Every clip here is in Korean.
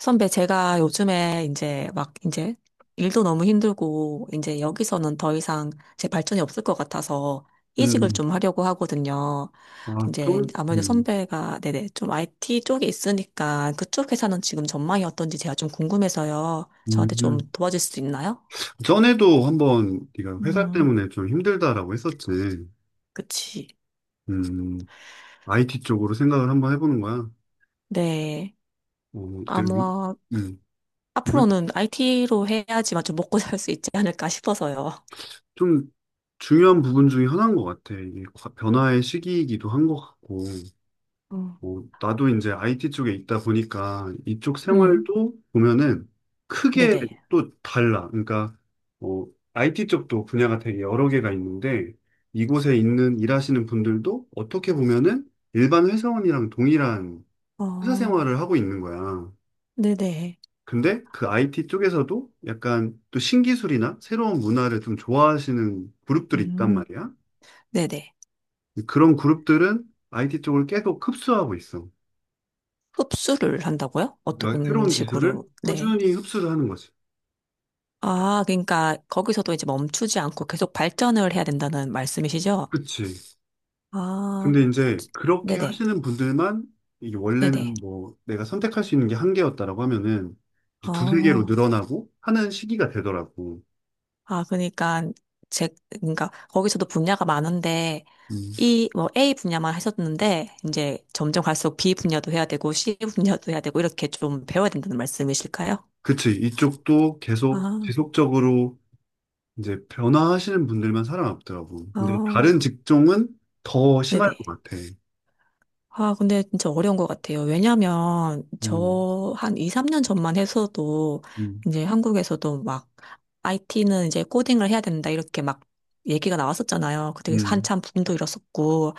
선배, 제가 요즘에 이제 막 이제 일도 너무 힘들고 이제 여기서는 더 이상 제 발전이 없을 것 같아서 이직을 음, 좀 하려고 하거든요. 아, 이제 좀, 아무래도 선배가 네네 좀 IT 쪽에 있으니까 그쪽 회사는 지금 전망이 어떤지 제가 좀 궁금해서요. 저한테 좀 음. 도와줄 수 있나요? 전에도 한번 네가 회사 음, 때문에 좀 힘들다라고 했었지. 그치. 음, IT 쪽으로 생각을 한번 해보는 거야. 네. 어, 되게, 유- 아마 음, 이거 앞으로는 IT로 해야지만 좀 먹고 살 수 있지 않을까 싶어서요. 좀 중요한 부분 중에 하나인 것 같아. 이게 변화의 시기이기도 한 것 같고. 음, 뭐, 나도 이제 IT 쪽에 있다 보니까 이쪽 음, 생활도 보면은 크게 네네. 또 달라. 그러니까 뭐 IT 쪽도 분야가 되게 여러 개가 있는데 이곳에 있는 일하시는 분들도 어떻게 보면은 일반 회사원이랑 동일한 회사 어, 생활을 하고 있는 거야. 네네. 근데 그 IT 쪽에서도 약간 또 신기술이나 새로운 문화를 좀 좋아하시는 그룹들이 있단 음, 말이야. 네네. 그런 그룹들은 IT 쪽을 계속 흡수하고 있어. 흡수를 한다고요? 그러니까 어떤 새로운 기술을 식으로? 네. 꾸준히 흡수를 하는 거지. 아, 그러니까 거기서도 이제 멈추지 않고 계속 발전을 해야 된다는 말씀이시죠? 그치. 아, 근데 이제 그렇게 네네. 하시는 분들만 이게 네네. 원래는 뭐 내가 선택할 수 있는 게 한 개였다라고 하면은 이제 두세 개로 어, 늘어나고 하는 시기가 되더라고. 아, 그러니까 제, 그러니까 거기서도 분야가 많은데 음. 이 뭐 A 분야만 하셨는데 이제 점점 갈수록 B 분야도 해야 되고 C 분야도 해야 되고 이렇게 좀 배워야 된다는 말씀이실까요? 그치. 이쪽도 아, 계속 지속적으로 이제 변화하시는 분들만 살아남더라고. 근데 어, 다른 직종은 더 심할 네네. 것 같아. 아, 근데 진짜 어려운 것 같아요. 왜냐면 음, 저 한 2, 3년 전만 해서도, 음, 이제 한국에서도 막, IT는 이제 코딩을 해야 된다, 이렇게 막 얘기가 나왔었잖아요. 그때 그래서 음, 한참 붐도 일었었고.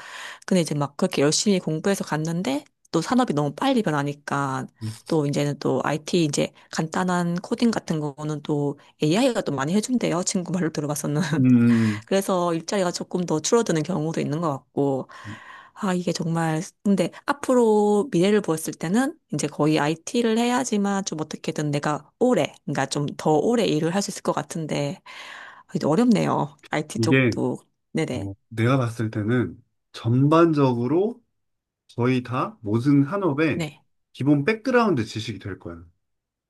근데 이제 막 그렇게 열심히 공부해서 갔는데, 또 산업이 너무 빨리 변하니까, 또 이제는 또 IT 이제 간단한 코딩 같은 거는 또 AI가 또 많이 해준대요. 친구 말로 들어봤었는. 음. 그래서 일자리가 조금 더 줄어드는 경우도 있는 것 같고, 음. 아, 이게 정말, 근데 앞으로 미래를 보았을 때는 이제 거의 IT를 해야지만 좀 어떻게든 내가 오래, 그러니까 좀 더 오래 일을 할 수 있을 것 같은데, 아, 이제 어렵네요. IT 이게 쪽도. 네네. 뭐 내가 봤을 때는 전반적으로 거의 다 모든 산업의 네. 기본 백그라운드 지식이 될 거야.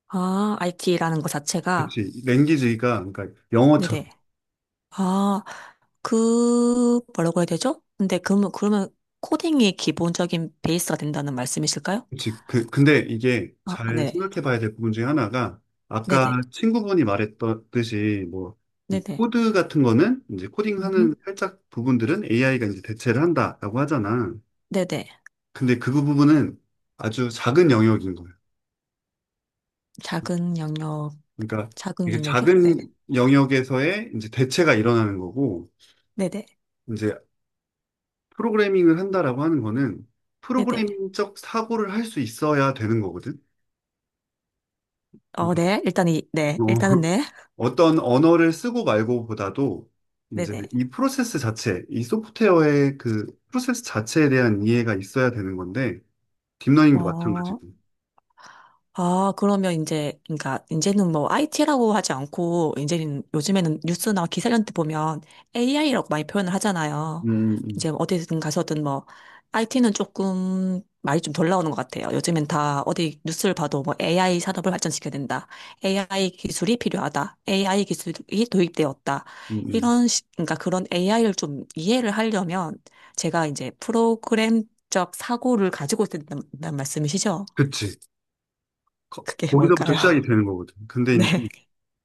아, IT라는 것 자체가, 그치. 랭귀지가, 그러니까 영어처럼. 네네. 아, 그, 뭐라고 해야 되죠? 근데 그러면 코딩이 기본적인 베이스가 된다는 말씀이실까요? 그치. 근데 이게 아, 잘 네. 생각해 봐야 될 부분 중에 하나가, 아까 네네. 친구분이 말했듯이, 뭐, 이 네네. 코드 같은 거는, 이제 코딩하는 살짝 부분들은 AI가 이제 대체를 한다라고 하잖아. 네네. 근데 그 부분은 아주 작은 영역인 거예요. 작은 영역, 그러니까 작은 이게 영역이요? 네. 작은 영역에서의 이제 대체가 일어나는 거고, 네네. 이제 프로그래밍을 한다라고 하는 거는 네네. 프로그래밍적 사고를 할 수 있어야 되는 거거든. 어, 그러니까 네. 어, 일단 이, 네. 일단은 네. 어떤 언어를 쓰고 말고보다도 이제 네네. 이 프로세스 자체, 이 소프트웨어의 그 프로세스 자체에 대한 이해가 있어야 되는 건데 딥러닝도 어, 마찬가지고. 아, 그러면 이제, 그러니까, 이제는 뭐, IT라고 하지 않고, 이제는 요즘에는 뉴스나 기사한테 보면 AI라고 많이 표현을 하잖아요. 음, 음, 이제 어디든 가서든 뭐, IT는 조금 말이 좀 덜 나오는 것 같아요. 요즘엔 다 어디 뉴스를 봐도 뭐, AI 산업을 발전시켜야 된다. AI 기술이 필요하다. AI 기술이 도입되었다. 음, 음. 이런, 식 그러니까 그런 AI를 좀 이해를 하려면, 제가 이제 프로그램적 사고를 가지고 있다는 말씀이시죠? 그치. 그게 거기서부터 뭘까요? 시작이 되는 거거든. 근데 네. 이제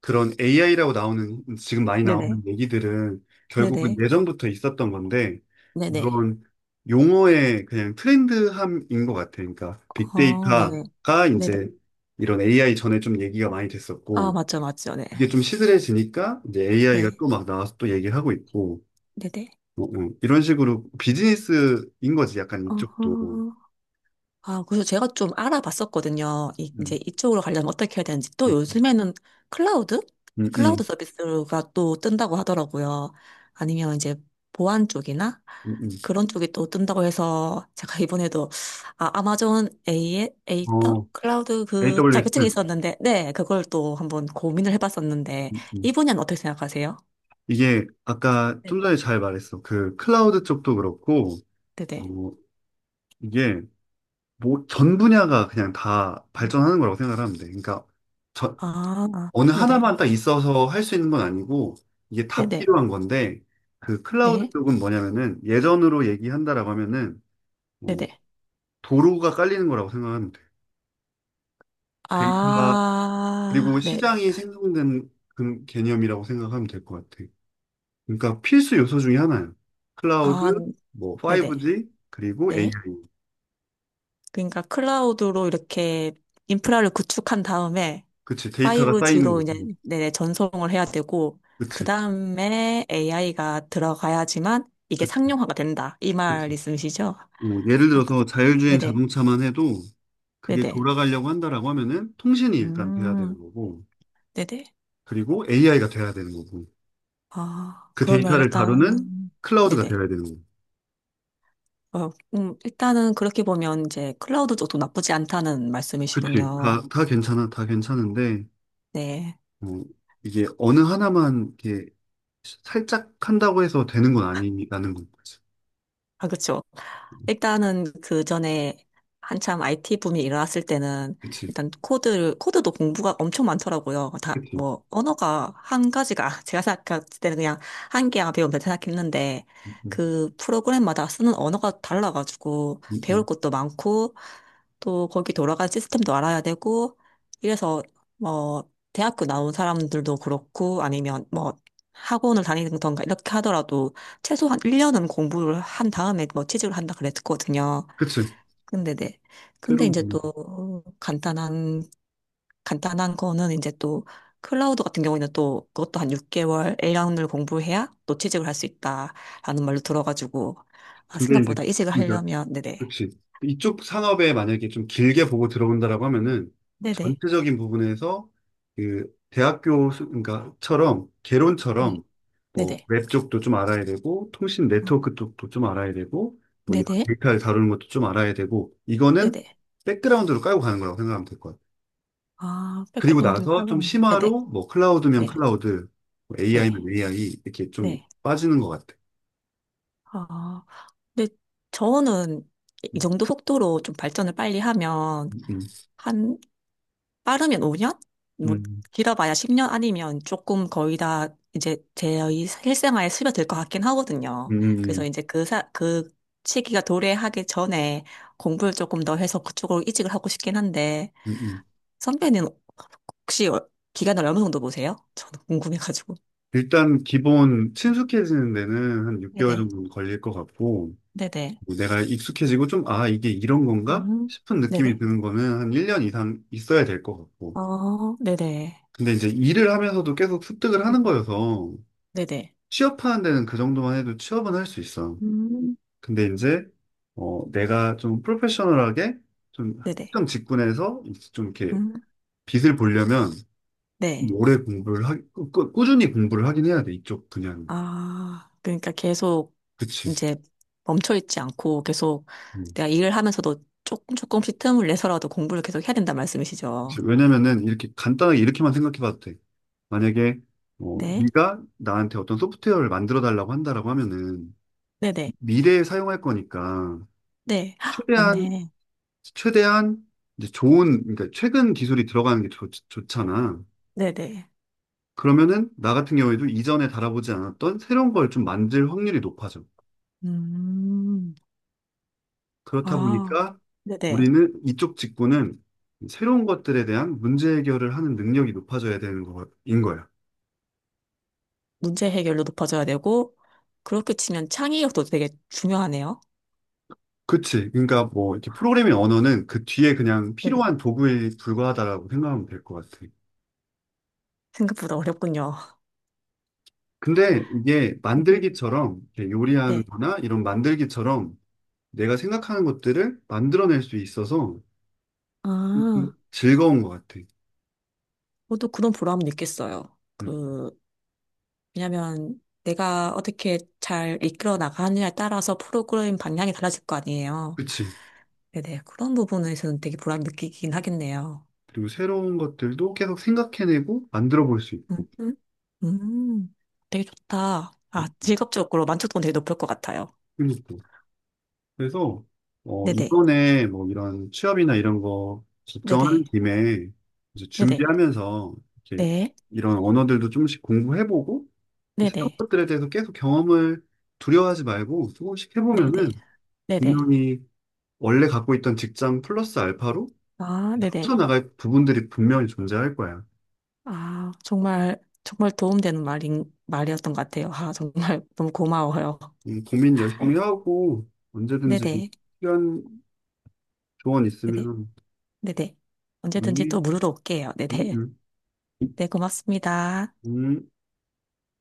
그런 AI라고 나오는, 지금 많이 네, 네. 나오는 얘기들은 네 결국은 네. 예전부터 있었던 건데, 네네. 이런 용어의 그냥 트렌드함인 것 같아. 그러니까 어, 네네. 빅데이터가 네, 네. 이제 이런 AI 전에 좀 얘기가 많이 아, 됐었고, 맞죠, 맞죠. 네. 그게 좀 시들해지니까 이제 AI가 또 네. 막 나와서 또 얘기를 하고 있고, 네네. 어, 어. 이런 식으로 비즈니스인 거지, 약간 이쪽도. 어, 아, 그래서 제가 좀 알아봤었거든요. 이제 음, 이쪽으로 가려면 어떻게 해야 되는지. 또 음, 요즘에는 클라우드? 음, 클라우드 음, 서비스가 또 뜬다고 하더라고요. 아니면 이제 보안 쪽이나 음, 음. 그런 쪽이 또 뜬다고 해서 제가 이번에도 아, 아마존 A의 에이터 어, 클라우드 그 AWS. 자격증이 있었는데, 네, 그걸 또 한번 고민을 해봤었는데, 음, 이 음. 분야는 어떻게 생각하세요? 이게 아까 네네. 좀 전에 잘 말했어. 그 클라우드 쪽도 그렇고, 네네. 어, 이게 뭐 전 분야가 그냥 다 발전하는 거라고 생각하면 돼. 그러니까 저, 아, 어느 네네. 하나만 딱 있어서 할 수 있는 건 아니고, 이게 다 네네. 필요한 건데, 그 클라우드 네. 쪽은 뭐냐면은 예전으로 얘기한다라고 하면은 뭐 네네. 도로가 깔리는 거라고 생각하면 돼. 데이터 아, 그리고 네. 시장이 생성된 그 개념이라고 생각하면 될 것 같아. 그러니까 필수 요소 중에 하나예요. 클라우드, 아, 뭐 네네. 5G, 그리고 AI. 네. 그러니까 클라우드로 이렇게 인프라를 구축한 다음에 그치, 데이터가 쌓이는 5G로 이제 거고. 네네, 전송을 해야 되고, 그 그치, 다음에 AI가 들어가야지만 이게 그, 상용화가 된다. 이 말 그치. 있으시죠? 뭐 예를 아, 그 들어서 자율주행 네네. 자동차만 해도 그게 네네. 돌아가려고 한다라고 하면은 통신이 일단 돼야 되는 음, 거고, 네네. 그리고 AI가 돼야 되는 거고, 아, 그 그러면 데이터를 다루는 일단은, 클라우드가 네네. 돼야 되는 거고. 어, 일단은 그렇게 보면 이제 클라우드 쪽도 나쁘지 않다는 그치, 말씀이시군요. 다 괜찮아, 다 괜찮은데, 네. 뭐 이게 어느 하나만 이렇게 살짝 한다고 해서 되는 건 아니라는 거지. 아, 그쵸. 일단은 그 전에 한참 IT 붐이 일어났을 때는 그치, 일단 코드도 공부가 엄청 많더라고요. 다, 그치. 뭐, 언어가 한 가지가, 제가 생각할 때는 그냥 한 개야 배우면 된다 생각했는데, 음, 음, 그 프로그램마다 쓰는 언어가 달라가지고 배울 음. 것도 많고, 또 거기 돌아간 시스템도 알아야 되고, 이래서 뭐, 대학교 나온 사람들도 그렇고, 아니면 뭐, 학원을 다니던가 이렇게 하더라도 최소한 1년은 공부를 한 다음에 뭐 취직을 한다 그랬거든요. 그치. 근데 네. 근데 때론 이제 보는 거. 또 간단한 거는 이제 또 클라우드 같은 경우에는 또 그것도 한 6개월, 일 년을 공부해야 또 취직을 할 수 있다라는 말로 들어가지고 아, 근데 이제, 생각보다 이직을 그러니까, 하려면 네네. 그치. 이쪽 산업에 만약에 좀 길게 보고 들어온다라고 하면은 네네. 전체적인 부분에서 그 대학교, 그러니까, 네. 개론처럼 뭐, 네네. 웹 쪽도 좀 알아야 되고, 통신 어, 네트워크 쪽도 좀 알아야 되고, 뭐, 이 네네. 데이터를 다루는 것도 좀 알아야 되고, 이거는 네네. 백그라운드로 깔고 가는 거라고 생각하면 될 거야. 아, 그리고 백그라운드를 나서 깔고 좀 간다. 네네. 심화로 뭐, 클라우드면 네. 클라우드, 네. AI면 AI, 이렇게 좀 네. 빠지는 것 같아. 아, 근데 저는 이 음, 정도 속도로 좀 발전을 빨리 하면 음, 한 빠르면 5년? 뭐 음. 길어봐야 10년 아니면 조금 거의 다 이제 제 실생활에 스며들 것 같긴 하거든요. 그래서 음, 이제 그 시기가 도래하기 전에 공부를 조금 더 해서 그쪽으로 이직을 하고 싶긴 한데 음, 음. 선배는 혹시 기간을 어느 정도 보세요? 저는 궁금해가지고. 일단 기본 친숙해지는 데는 한 6개월 네네. 정도 걸릴 것 같고, 네네. 뭐 내가 익숙해지고 좀, 아, 이게 이런 건가? 음, 싶은 느낌이 네네. 드는 거는 한 1년 이상 있어야 될 것 같고. 어, 네네. 근데 이제 일을 하면서도 계속 습득을 하는 거여서, 네네. 취업하는 데는 그 정도만 해도 취업은 할 수 있어. 음, 근데 이제, 내가 좀 프로페셔널하게 좀 네네. 특정 직군에서 이제 좀 이렇게 음, 빛을 보려면, 네. 오래 공부를 꾸준히 공부를 하긴 해야 돼, 이쪽 그냥. 아, 그러니까 계속 그치. 이제 멈춰있지 않고 계속 음. 내가 일을 하면서도 조금 조금씩 틈을 내서라도 공부를 계속 해야 된다 말씀이시죠? 이제 왜냐면은 이렇게 간단하게 이렇게만 생각해 봐도 돼. 만약에 네. 네가 나한테 어떤 소프트웨어를 만들어 달라고 한다라고 하면은 네네. 미래에 사용할 거니까 네. 헉, 최대한 맞네. 최대한 이제 좋은 그러니까 최근 기술이 들어가는 게 좋잖아. 네네. 그러면은 나 같은 경우에도 이전에 달아보지 않았던 새로운 걸 좀 만들 확률이 높아져. 음, 그렇다 아, 보니까 네네. 우리는 이쪽 직군은 새로운 것들에 대한 문제 해결을 하는 능력이 높아져야 되는 거인 거야. 문제 해결도 높아져야 되고, 그렇게 치면 창의력도 되게 중요하네요. 그치. 그러니까 뭐 이렇게 프로그래밍 언어는 그 뒤에 그냥 네네. 필요한 도구에 불과하다라고 생각하면 될 것 같아. 생각보다 어렵군요. 근데 이게 네네. 만들기처럼 이렇게 요리하는 네. 거나 이런 만들기처럼 내가 생각하는 것들을 만들어낼 수 있어서 좀 아, 즐거운 것 같아. 저도 그런 보람은 있겠어요. 응. 그, 왜냐면 내가 어떻게 잘 이끌어 나가느냐에 따라서 프로그램 방향이 달라질 거 아니에요. 그치. 네네. 그런 부분에서는 되게 보람 느끼긴 하겠네요. 그리고 새로운 것들도 계속 생각해내고 만들어 볼 수 음, 있고. 음, 음. 되게 좋다. 아, 직업적으로 만족도는 되게 높을 것 같아요. 그러니까. 그래서 네네. 이번에 뭐 이런 취업이나 이런 거 걱정하는 네네. 김에 이제 네네. 준비하면서 이렇게 네. 이런 언어들도 조금씩 공부해보고 새로운 네네. 것들에 대해서 계속 경험을 두려워하지 말고 조금씩 네네. 해보면은 네네. 분명히 원래 갖고 있던 직장 플러스 알파로 아, 네네. 합쳐나갈 부분들이 분명히 존재할 거야. 아, 정말, 정말 도움되는 말이었던 것 같아요. 아, 정말 너무 고마워요. 이 고민 열심히 하고 언제든지 네네. 필요한 조언 네네. 있으면 네네. 언제든지 문의 또 물으러 올게요. 음, 네네. 음, 네, 고맙습니다. 음.